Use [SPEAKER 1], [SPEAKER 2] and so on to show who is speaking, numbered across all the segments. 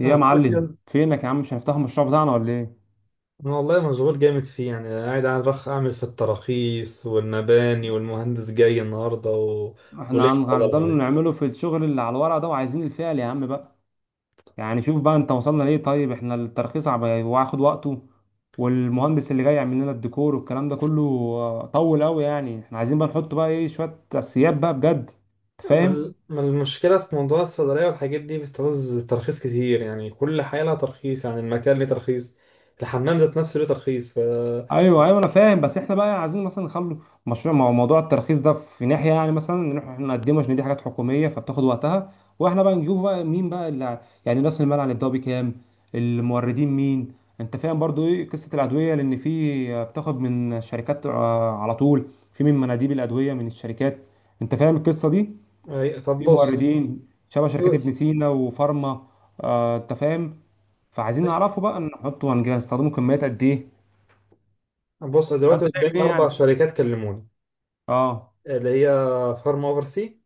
[SPEAKER 1] ايه
[SPEAKER 2] أنا
[SPEAKER 1] يا
[SPEAKER 2] بقول لك
[SPEAKER 1] معلم،
[SPEAKER 2] يلا.
[SPEAKER 1] فينك يا عم؟ مش هنفتح المشروع بتاعنا ولا ايه؟
[SPEAKER 2] أنا والله مشغول جامد فيه، يعني قاعد على رخ أعمل في التراخيص والمباني والمهندس جاي النهاردة وليه
[SPEAKER 1] احنا
[SPEAKER 2] والله
[SPEAKER 1] هنفضل
[SPEAKER 2] العظيم.
[SPEAKER 1] نعمله في الشغل اللي على الورق ده، وعايزين الفعل يا عم بقى. يعني شوف بقى انت وصلنا ليه. طيب احنا الترخيص واخد وقته، والمهندس اللي جاي يعمل لنا الديكور والكلام ده كله طول قوي. يعني احنا عايزين بقى نحط بقى ايه شوية اساسيات بقى بجد. انت فاهم؟
[SPEAKER 2] ما المشكلة في موضوع الصيدلية والحاجات دي؟ بتعوز ترخيص كتير، يعني كل حاجة لها ترخيص، يعني المكان ليه ترخيص، الحمام ذات نفسه ليه ترخيص
[SPEAKER 1] ايوه ايوه، انا فاهم، بس احنا بقى عايزين مثلا نخلو مشروع مع موضوع الترخيص ده في ناحيه. يعني مثلا نروح احنا نقدمه عشان دي حاجات حكوميه فبتاخد وقتها، واحنا بقى نجيبه بقى مين بقى يعني راس المال هنبداه بكام؟ الموردين مين؟ انت فاهم برضو ايه قصه الادويه؟ لان في بتاخد من شركات على طول، في من مناديب الادويه من الشركات. انت فاهم القصه دي؟
[SPEAKER 2] طب
[SPEAKER 1] في
[SPEAKER 2] بص.
[SPEAKER 1] موردين شبه شركات ابن سينا وفارما انت فاهم. فعايزين نعرفه بقى نحطه، هنجهز هنستخدمه كميات قد ايه؟
[SPEAKER 2] بص
[SPEAKER 1] انت
[SPEAKER 2] دلوقتي
[SPEAKER 1] شايف
[SPEAKER 2] قدامي
[SPEAKER 1] ايه
[SPEAKER 2] أربع
[SPEAKER 1] يعني؟
[SPEAKER 2] شركات كلموني،
[SPEAKER 1] اه.
[SPEAKER 2] اللي هي فارما أوفر سي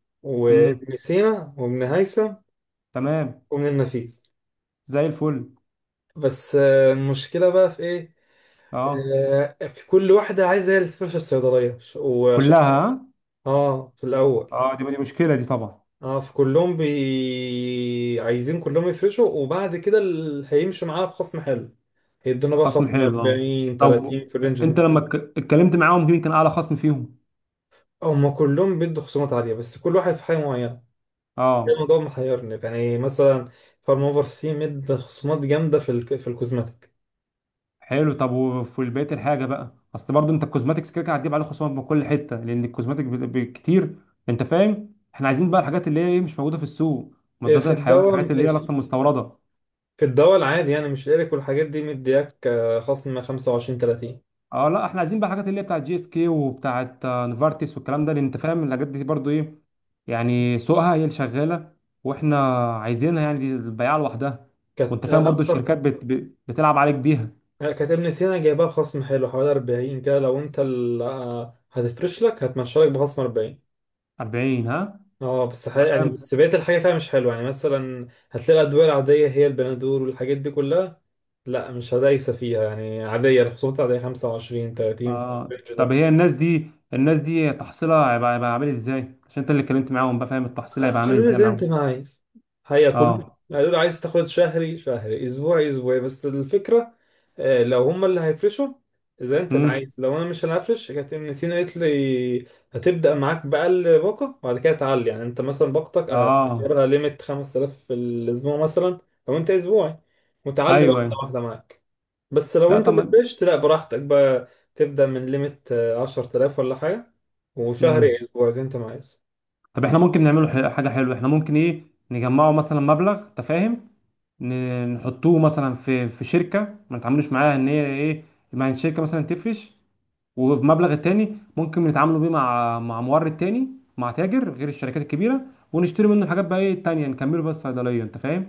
[SPEAKER 1] امم.
[SPEAKER 2] وابن سينا وابن هيثم
[SPEAKER 1] تمام.
[SPEAKER 2] وابن النفيس.
[SPEAKER 1] زي الفل.
[SPEAKER 2] بس المشكلة بقى في ايه؟
[SPEAKER 1] اه،
[SPEAKER 2] في كل واحدة عايزة هي اللي تفرش الصيدلية وعشان
[SPEAKER 1] كلها ها؟
[SPEAKER 2] اه، في الأول.
[SPEAKER 1] اه، دي دي مشكله دي طبعا.
[SPEAKER 2] اه، في كلهم عايزين كلهم يفرشوا، وبعد كده اللي هيمشوا معانا بخصم حلو هيدونا بقى
[SPEAKER 1] خصم
[SPEAKER 2] خصم
[SPEAKER 1] حلو اه.
[SPEAKER 2] 40
[SPEAKER 1] طب
[SPEAKER 2] 30 في الرينج
[SPEAKER 1] انت
[SPEAKER 2] ده.
[SPEAKER 1] لما اتكلمت معاهم، مين كان اعلى خصم فيهم؟
[SPEAKER 2] هما كلهم بيدوا خصومات عالية، بس كل واحد في حاجة معينة. ده
[SPEAKER 1] اه،
[SPEAKER 2] الموضوع محيرني، يعني مثلا فارما اوفر سي مد خصومات جامدة في الكوزماتيك.
[SPEAKER 1] حلو. طب وفي بقيه الحاجه بقى؟ اصل برضو انت الكوزماتكس كده كده هتجيب عليه خصومات من كل حته لان الكوزماتيك كتير. انت فاهم، احنا عايزين بقى الحاجات اللي هي إيه، مش موجوده في السوق،
[SPEAKER 2] في
[SPEAKER 1] مضادات الحيوان،
[SPEAKER 2] الدواء،
[SPEAKER 1] الحاجات اللي هي اصلا مستورده.
[SPEAKER 2] الدواء العادي، يعني مش الإيريك والحاجات دي مدياك، خصم 25 30.
[SPEAKER 1] اه لا، احنا عايزين بقى الحاجات اللي هي بتاعت جي اس كي وبتاعت نفارتس والكلام ده، لان انت فاهم الحاجات دي برضو ايه، يعني سوقها هي اللي شغاله، واحنا عايزينها، يعني دي البياعه لوحدها. وانت
[SPEAKER 2] كانت
[SPEAKER 1] فاهم برضو
[SPEAKER 2] أكتر.
[SPEAKER 1] الشركات بت... بت- بتلعب عليك بيها.
[SPEAKER 2] كانت ابن سينا جايبها بخصم حلو، حوالي 40 كده. لو أنت هتفرش لك، هتمشي لك بخصم 40.
[SPEAKER 1] 40 ها؟
[SPEAKER 2] اه، بس حقيقة يعني،
[SPEAKER 1] تمام.
[SPEAKER 2] بس بقية الحاجة فيها مش حلوة، يعني مثلا هتلاقي الأدوية العادية هي البنادول والحاجات دي كلها، لا مش هدايسة فيها، يعني عادية، الخصومات العادية 25 30 في
[SPEAKER 1] آه. طب
[SPEAKER 2] الرينج.
[SPEAKER 1] هي الناس دي، الناس دي تحصيلها هيبقى عامل ازاي؟ عشان انت اللي اتكلمت معاهم بقى، فاهم التحصيل هيبقى عامل
[SPEAKER 2] قالوا لي
[SPEAKER 1] ازاي
[SPEAKER 2] زي
[SPEAKER 1] معاهم؟
[SPEAKER 2] انت ما عايز، هي كله.
[SPEAKER 1] اه.
[SPEAKER 2] قالوا لي عايز تاخد شهري شهري اسبوعي اسبوعي، بس الفكره لو هم اللي هيفرشوا. زي انت ما
[SPEAKER 1] امم.
[SPEAKER 2] عايز. لو انا مش هنفرش، كانت ابن سينا قالت لي هتبدا معاك باقل باقه، وبعد كده تعلي. يعني انت مثلا باقتك
[SPEAKER 1] اه.
[SPEAKER 2] اخرها ليميت 5000 في الاسبوع مثلا، لو انت اسبوعي، وتعلي
[SPEAKER 1] ايوه
[SPEAKER 2] واحده
[SPEAKER 1] ايوه.
[SPEAKER 2] واحده معاك. بس لو
[SPEAKER 1] لا
[SPEAKER 2] انت
[SPEAKER 1] طب
[SPEAKER 2] اللي فرشت، لا براحتك بقى، تبدا من ليميت 10000 ولا حاجه، وشهري
[SPEAKER 1] امم.
[SPEAKER 2] اسبوع زي انت ما عايز.
[SPEAKER 1] طب احنا ممكن نعمله حاجه حلوه. احنا ممكن ايه نجمعه مثلا مبلغ، انت فاهم، نحطوه مثلا في شركه ما نتعاملوش معاها ان هي ايه، مع الشركه مثلا تفرش، وبمبلغ التاني ممكن نتعاملوا بيه مع مورد تاني، مع تاجر غير الشركات الكبيره، ونشتري منه الحاجات بقى ايه التانيه، نكمله بس صيدليه. انت فاهم؟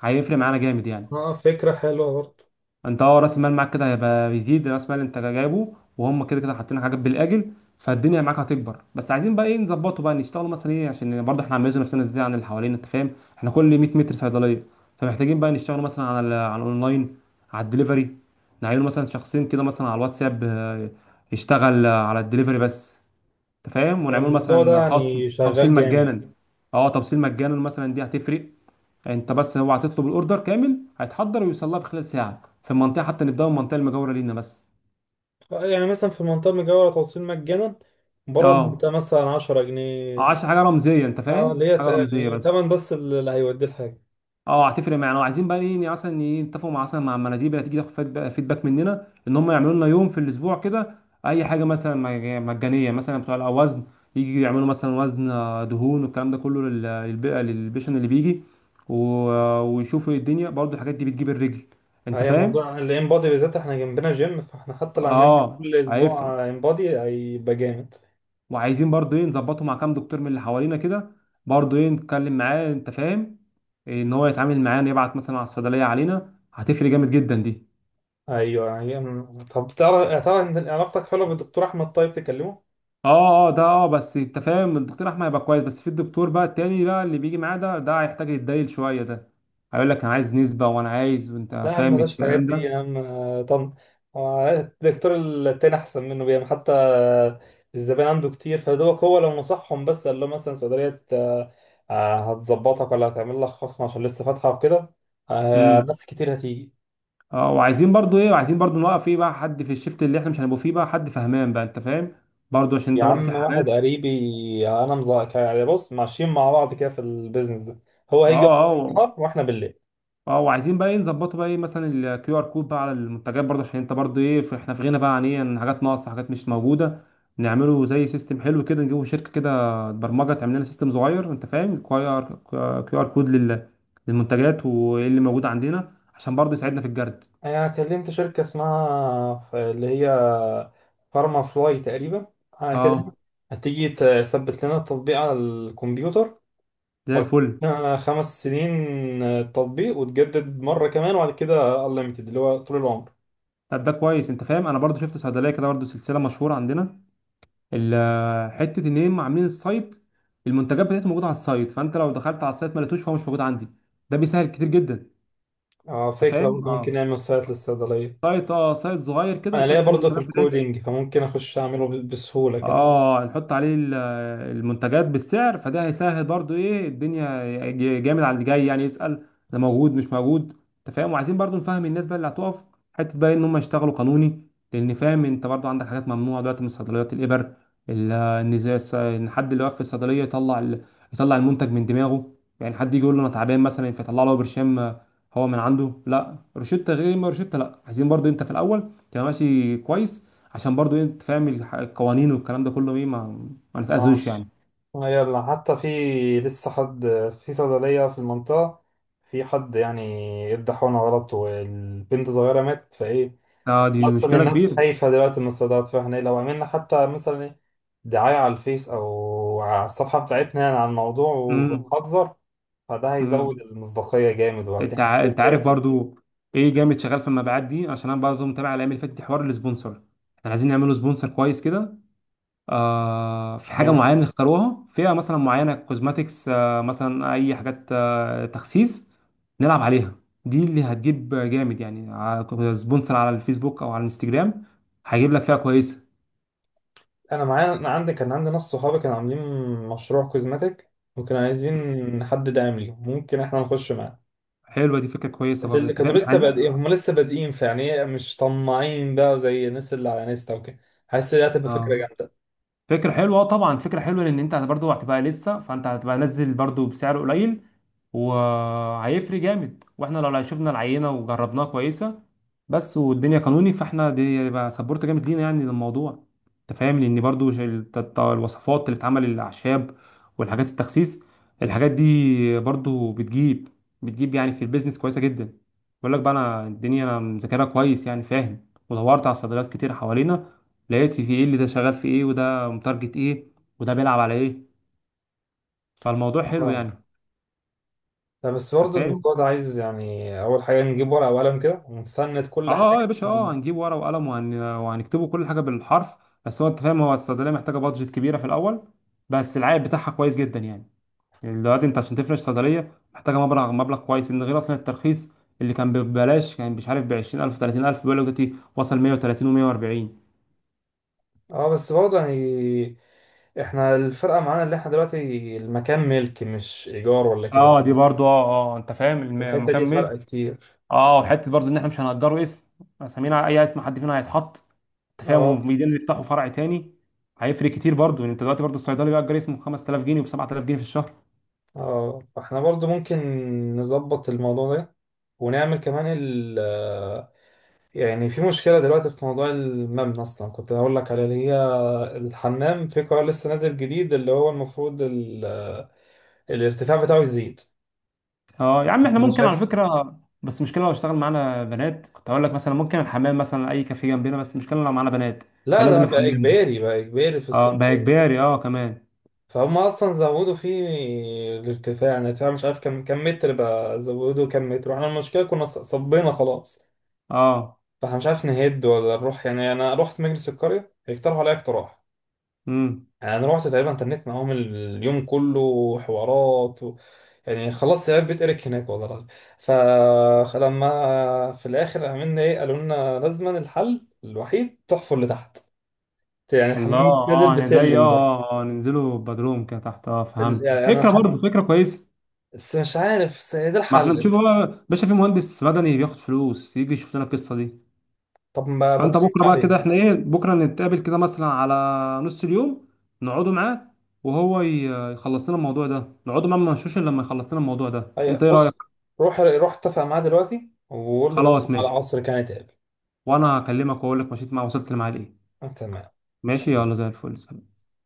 [SPEAKER 1] هيفرق معانا جامد يعني.
[SPEAKER 2] اه، فكرة حلوة برضه.
[SPEAKER 1] انت اه، راس المال معاك كده هيبقى بيزيد، راس المال انت جايبه، وهم كده كده حاطين حاجات بالاجل، فالدنيا معاك هتكبر. بس عايزين بقى ايه نظبطه بقى، نشتغل مثلا ايه، عشان برضه احنا عاملين نفسنا ازاي عن اللي حوالينا؟ انت فاهم، احنا كل 100 متر صيدليه، فمحتاجين بقى نشتغل مثلا على على الاونلاين، على الدليفري. نعين مثلا شخصين كده مثلا على الواتساب يشتغل على الدليفري بس. انت فاهم؟
[SPEAKER 2] يعني
[SPEAKER 1] ونعمل
[SPEAKER 2] الموضوع ده
[SPEAKER 1] مثلا
[SPEAKER 2] يعني
[SPEAKER 1] خصم توصيل
[SPEAKER 2] شغال جامد.
[SPEAKER 1] مجانا. اه، توصيل مجانا مثلا، دي هتفرق. انت بس هو هتطلب الاوردر كامل، هيتحضر ويوصل لها في خلال ساعه في المنطقه، حتى نبداوا من المنطقه المجاوره لينا بس.
[SPEAKER 2] يعني مثلا في المنطقة المجاورة توصيل مجانا، بره
[SPEAKER 1] اه،
[SPEAKER 2] المنطقة مثلا 10 جنيه.
[SPEAKER 1] عشان حاجه رمزيه، انت
[SPEAKER 2] اه، اللي
[SPEAKER 1] فاهم،
[SPEAKER 2] هي
[SPEAKER 1] حاجه رمزيه
[SPEAKER 2] يعني
[SPEAKER 1] بس.
[SPEAKER 2] تمن بس اللي هيوديه الحاجة.
[SPEAKER 1] اه، هتفرق معانا. وعايزين بقى ايه يعني مثلا ايه، نتفقوا مع مثلا مع المناديب اللي هتيجي تاخد فيدباك مننا ان هم يعملوا لنا يوم في الاسبوع كده، اي حاجه مثلا مجانيه، مثلا بتوع الاوزن، يجي يعملوا مثلا وزن دهون والكلام ده كله للبيشن اللي بيجي، ويشوفوا إيه الدنيا، برضو الحاجات دي بتجيب الرجل. انت
[SPEAKER 2] هي
[SPEAKER 1] فاهم؟
[SPEAKER 2] موضوع الانبادي بالذات، احنا جنبنا جيم، فاحنا حتى لو عملنا
[SPEAKER 1] اه
[SPEAKER 2] كل
[SPEAKER 1] هيفرق.
[SPEAKER 2] اسبوع انبادي هيبقى جامد.
[SPEAKER 1] وعايزين برضو ايه نظبطه مع كام دكتور من اللي حوالينا كده، برضو ايه نتكلم معاه، انت فاهم إيه، ان هو يتعامل معانا يبعت مثلا على الصيدليه علينا، هتفرق جامد جدا دي.
[SPEAKER 2] ايوه يعني. طب تعرف، يعني تعرف ان علاقتك حلوة بالدكتور احمد، طيب تكلمه.
[SPEAKER 1] اه اه، ده اه، بس انت فاهم الدكتور احمد هيبقى كويس، بس في الدكتور بقى التاني بقى اللي بيجي معاه ده، ده هيحتاج يتدايل شويه ده، هيقول لك انا عايز نسبه وانا عايز، وانت
[SPEAKER 2] لا يا عم،
[SPEAKER 1] فاهم
[SPEAKER 2] بلاش الحاجات
[SPEAKER 1] الكلام
[SPEAKER 2] دي
[SPEAKER 1] ده.
[SPEAKER 2] يا عم، طن. الدكتور التاني أحسن منه، بيعمل حتى الزبائن عنده كتير، فدوك هو لو نصحهم بس، قال له مثلا صيدلية، هتظبطك ولا هتعمل لك خصم عشان لسه فاتحة وكده.
[SPEAKER 1] امم.
[SPEAKER 2] ناس كتير هتيجي.
[SPEAKER 1] اه، وعايزين برضو ايه، وعايزين برضو نوقف ايه بقى حد في الشفت اللي احنا مش هنبقوا فيه، بقى حد فهمان بقى، انت فاهم، برضو عشان انت
[SPEAKER 2] يا
[SPEAKER 1] برضو في
[SPEAKER 2] عم، واحد
[SPEAKER 1] حالات.
[SPEAKER 2] قريبي أنا مزا، يعني بص، ماشيين مع بعض كده في البيزنس ده، هو
[SPEAKER 1] اه
[SPEAKER 2] هيجي
[SPEAKER 1] اه
[SPEAKER 2] النهار وإحنا بالليل.
[SPEAKER 1] اه. وعايزين بقى ايه نظبطه بقى ايه، مثلا الكيو ار كود بقى على المنتجات برضه، عشان انت برضه ايه احنا في غنى بقى عن ايه، عن حاجات ناقصه، حاجات مش موجوده. نعمله زي سيستم حلو كده، نجيبه شركه كده برمجه تعمل لنا سيستم صغير، انت فاهم، كيو ار كود للمنتجات وايه اللي موجود عندنا، عشان برضه يساعدنا في الجرد.
[SPEAKER 2] انا كلمت شركة اسمها اللي هي فارما فلاي تقريبا على كده.
[SPEAKER 1] اه.
[SPEAKER 2] هتيجي تثبت لنا التطبيق على الكمبيوتر،
[SPEAKER 1] زي الفل.
[SPEAKER 2] وهتدينا 5 سنين تطبيق، وتجدد مرة كمان، وبعد كده unlimited اللي هو طول العمر.
[SPEAKER 1] طب ده كويس، انت فاهم انا برضه شفت صيدليه كده، برضه سلسله مشهوره عندنا، حته ان هم عاملين السايت، المنتجات بتاعتهم موجوده على السايت، فانت لو دخلت على السايت ما لقيتوش، فهو مش موجود عندي. ده بيسهل كتير جدا. انت
[SPEAKER 2] فكرة
[SPEAKER 1] فاهم؟
[SPEAKER 2] برضه، ممكن
[SPEAKER 1] اه،
[SPEAKER 2] نعمل سايت للصيدلية.
[SPEAKER 1] سايت اه، سايت صغير كده
[SPEAKER 2] انا ليا
[SPEAKER 1] نحط فيه
[SPEAKER 2] برضه في
[SPEAKER 1] منتجات بتاعتنا.
[SPEAKER 2] الكودينج، فممكن اخش اعمله بسهولة كمان.
[SPEAKER 1] اه، نحط عليه المنتجات بالسعر، فده هيسهل برضو ايه الدنيا، جامد على اللي جاي يعني يسأل ده موجود مش موجود. انت فاهم؟ وعايزين برضو نفهم الناس بقى اللي هتقف حته بقى ان هم يشتغلوا قانوني، لان فاهم انت برضو عندك حاجات ممنوعه دلوقتي من صيدليات الابر، ان حد اللي واقف في الصيدليه يطلع يطلع المنتج من دماغه، يعني حد يجي يقول له انا تعبان مثلا فيطلع له برشام هو من عنده، لا روشته غير ما روشته لا. عايزين برضو انت في الاول تبقى ماشي كويس، عشان برضو إيه، انت فاهم القوانين والكلام ده كله ايه، ما
[SPEAKER 2] اه.
[SPEAKER 1] نتأذوش يعني.
[SPEAKER 2] يلا. حتى في، لسه حد في صيدلية في المنطقة، في حد يعني ادى حقنة غلط والبنت صغيرة ماتت، فايه
[SPEAKER 1] اه دي
[SPEAKER 2] احنا اصلا
[SPEAKER 1] مشكلة
[SPEAKER 2] الناس
[SPEAKER 1] كبيرة.
[SPEAKER 2] خايفة دلوقتي من الصيدليات، فاحنا إيه، لو عملنا حتى مثلا ايه دعاية على الفيس او على الصفحة بتاعتنا يعني عن الموضوع
[SPEAKER 1] امم.
[SPEAKER 2] وبنحذر، فده هيزود
[SPEAKER 1] امم.
[SPEAKER 2] المصداقية جامد وهتلاقي
[SPEAKER 1] انت
[SPEAKER 2] ناس كتير
[SPEAKER 1] انت عارف
[SPEAKER 2] جاية.
[SPEAKER 1] برضو ايه جامد شغال في المبيعات دي، عشان انا برضو متابع الايام اللي فاتت دي حوار السبونسر. احنا عايزين نعمله سبونسر كويس كده، آه في حاجة
[SPEAKER 2] يعني
[SPEAKER 1] معينة نختاروها، فئة مثلا معينة كوزماتكس، آه مثلا اي حاجات آه تخسيس، نلعب عليها. دي اللي هتجيب جامد يعني، سبونسر على الفيسبوك او على الانستجرام، هيجيب لك فئة كويسة.
[SPEAKER 2] أنا معايا، أنا عندي، كان عندي ناس صحابي كانوا عاملين مشروع كوزماتيك، وكانوا عايزين حد داعم ليهم، ممكن إحنا نخش معاه.
[SPEAKER 1] حلوة دي، فكرة كويسة برضو،
[SPEAKER 2] اللي
[SPEAKER 1] انت
[SPEAKER 2] كانوا
[SPEAKER 1] فاهم
[SPEAKER 2] لسه
[SPEAKER 1] عايز.
[SPEAKER 2] بادئين، هم لسه بادئين، فيعني إيه، مش طماعين بقى زي الناس اللي على انستا وكده. حاسس ان دي هتبقى فكره
[SPEAKER 1] اه
[SPEAKER 2] جامده.
[SPEAKER 1] فكرة حلوة، طبعا فكرة حلوة، لأن أنت برضو هتبقى لسه، فأنت هتبقى نزل برضو بسعر قليل، وهيفرق جامد، واحنا لو شفنا العينه وجربناها كويسه، بس والدنيا قانوني، فاحنا دي يبقى سبورت جامد لينا يعني للموضوع. انت فاهم لان برضو الوصفات اللي بتعمل الاعشاب، والحاجات التخسيس، الحاجات دي برضو بتجيب، يعني في البيزنس كويسه جدا. بقول لك بقى، انا الدنيا انا مذاكرها كويس يعني، فاهم، ودورت على صيدليات كتير حوالينا، لقيت في ايه اللي ده شغال في ايه، وده متارجت ايه، وده بيلعب على ايه. فالموضوع حلو
[SPEAKER 2] اه،
[SPEAKER 1] يعني.
[SPEAKER 2] طب بس
[SPEAKER 1] انت
[SPEAKER 2] برضه
[SPEAKER 1] فاهم؟
[SPEAKER 2] الموضوع ده عايز يعني اول حاجه نجيب ورقه وقلم كده ونفند كل
[SPEAKER 1] اه اه يا
[SPEAKER 2] حاجه.
[SPEAKER 1] باشا، اه هنجيب ورقه وقلم، وهنكتبه كل حاجه بالحرف. بس هو انت فاهم هو الصيدليه محتاجه بادجت كبيره في الاول، بس العائد بتاعها كويس جدا يعني. يعني دلوقتي انت عشان تفرش صيدليه محتاجه مبلغ، كويس ان، غير اصلا الترخيص اللي كان ببلاش، كان مش عارف ب 20000 30000، بيقول لك دلوقتي وصل 130 و140.
[SPEAKER 2] اه بس برضه يعني احنا الفرقه معانا، اللي احنا دلوقتي المكان ملك مش ايجار ولا كده،
[SPEAKER 1] اه دي برضو اه. اه انت فاهم
[SPEAKER 2] الحته دي
[SPEAKER 1] المكان.
[SPEAKER 2] فرق كتير.
[SPEAKER 1] اه وحته برضه ان احنا مش هنأجره اسم، اسامينا اي اسم حد فينا هيتحط. انت فاهم؟
[SPEAKER 2] اه،
[SPEAKER 1] وبيدين يفتحوا فرع تاني، هيفرق كتير برضه يعني. انت دلوقتي برضه الصيدلي بيأجر اسمه ب 5000 جنيه وب 7000 جنيه في الشهر.
[SPEAKER 2] اه، فاحنا برضه ممكن نظبط الموضوع ده، ونعمل كمان يعني في مشكلة دلوقتي في موضوع المبنى. أصلا كنت هقول لك على اللي هي الحمام، في قرار لسه نازل جديد اللي هو المفروض الارتفاع بتاعه يزيد.
[SPEAKER 1] اه يا عم احنا
[SPEAKER 2] أنا
[SPEAKER 1] ممكن على
[SPEAKER 2] شايف،
[SPEAKER 1] فكره، بس المشكله لو اشتغل معانا بنات، كنت هقول لك مثلا ممكن الحمام مثلا اي كافيه جنبنا، بس المشكله لو معانا بنات،
[SPEAKER 2] لا
[SPEAKER 1] فلازم
[SPEAKER 2] ده بقى
[SPEAKER 1] الحمام ده.
[SPEAKER 2] إجباري، بقى إجباري في الصيف.
[SPEAKER 1] اه بقى اجباري اه كمان.
[SPEAKER 2] فهم أصلا زودوا فيه الارتفاع، يعني الارتفاع مش عارف كم متر بقى، زودوا كم متر، وإحنا المشكلة كنا صبينا خلاص.
[SPEAKER 1] اه.
[SPEAKER 2] فإحنا مش عارف نهد ولا نروح، يعني أنا رحت مجلس القرية اقترحوا عليا اقتراح.
[SPEAKER 1] امم.
[SPEAKER 2] يعني انا رحت تقريبا تنيت معاهم اليوم كله حوارات يعني خلصت عيال بيت اريك هناك والله العظيم. فلما في الاخر عملنا ايه، قالوا لنا لازما الحل الوحيد تحفر لتحت، يعني
[SPEAKER 1] الله
[SPEAKER 2] الحمام نازل
[SPEAKER 1] اه، يعني زي اه
[SPEAKER 2] بسلم بقى.
[SPEAKER 1] ننزله بدروم كده تحت. اه فهمت
[SPEAKER 2] يعني
[SPEAKER 1] فكره، برضه فكره كويسه.
[SPEAKER 2] بس مش عارف، بس ده
[SPEAKER 1] ما احنا
[SPEAKER 2] الحل.
[SPEAKER 1] نشوف بقى باشا في مهندس مدني بياخد فلوس، يجي يشوف لنا القصه دي.
[SPEAKER 2] طب ما ما
[SPEAKER 1] فانت
[SPEAKER 2] ترد
[SPEAKER 1] بكره بقى كده
[SPEAKER 2] عليه.
[SPEAKER 1] احنا ايه، بكره نتقابل كده مثلا على نص اليوم، نقعدوا معاه، وهو يخلص لنا الموضوع ده، نقعدوا معاه ما نمشوش الا لما يخلص لنا الموضوع ده.
[SPEAKER 2] أي
[SPEAKER 1] انت ايه
[SPEAKER 2] بص،
[SPEAKER 1] رايك؟
[SPEAKER 2] روح روح اتفق معاه دلوقتي وقول له
[SPEAKER 1] خلاص
[SPEAKER 2] بكره على
[SPEAKER 1] ماشي.
[SPEAKER 2] العصر كان يتقابل.
[SPEAKER 1] وانا هكلمك واقول لك مشيت مع، وصلت لمعاه لايه.
[SPEAKER 2] تمام.
[SPEAKER 1] ماشي يلا، زي الفل.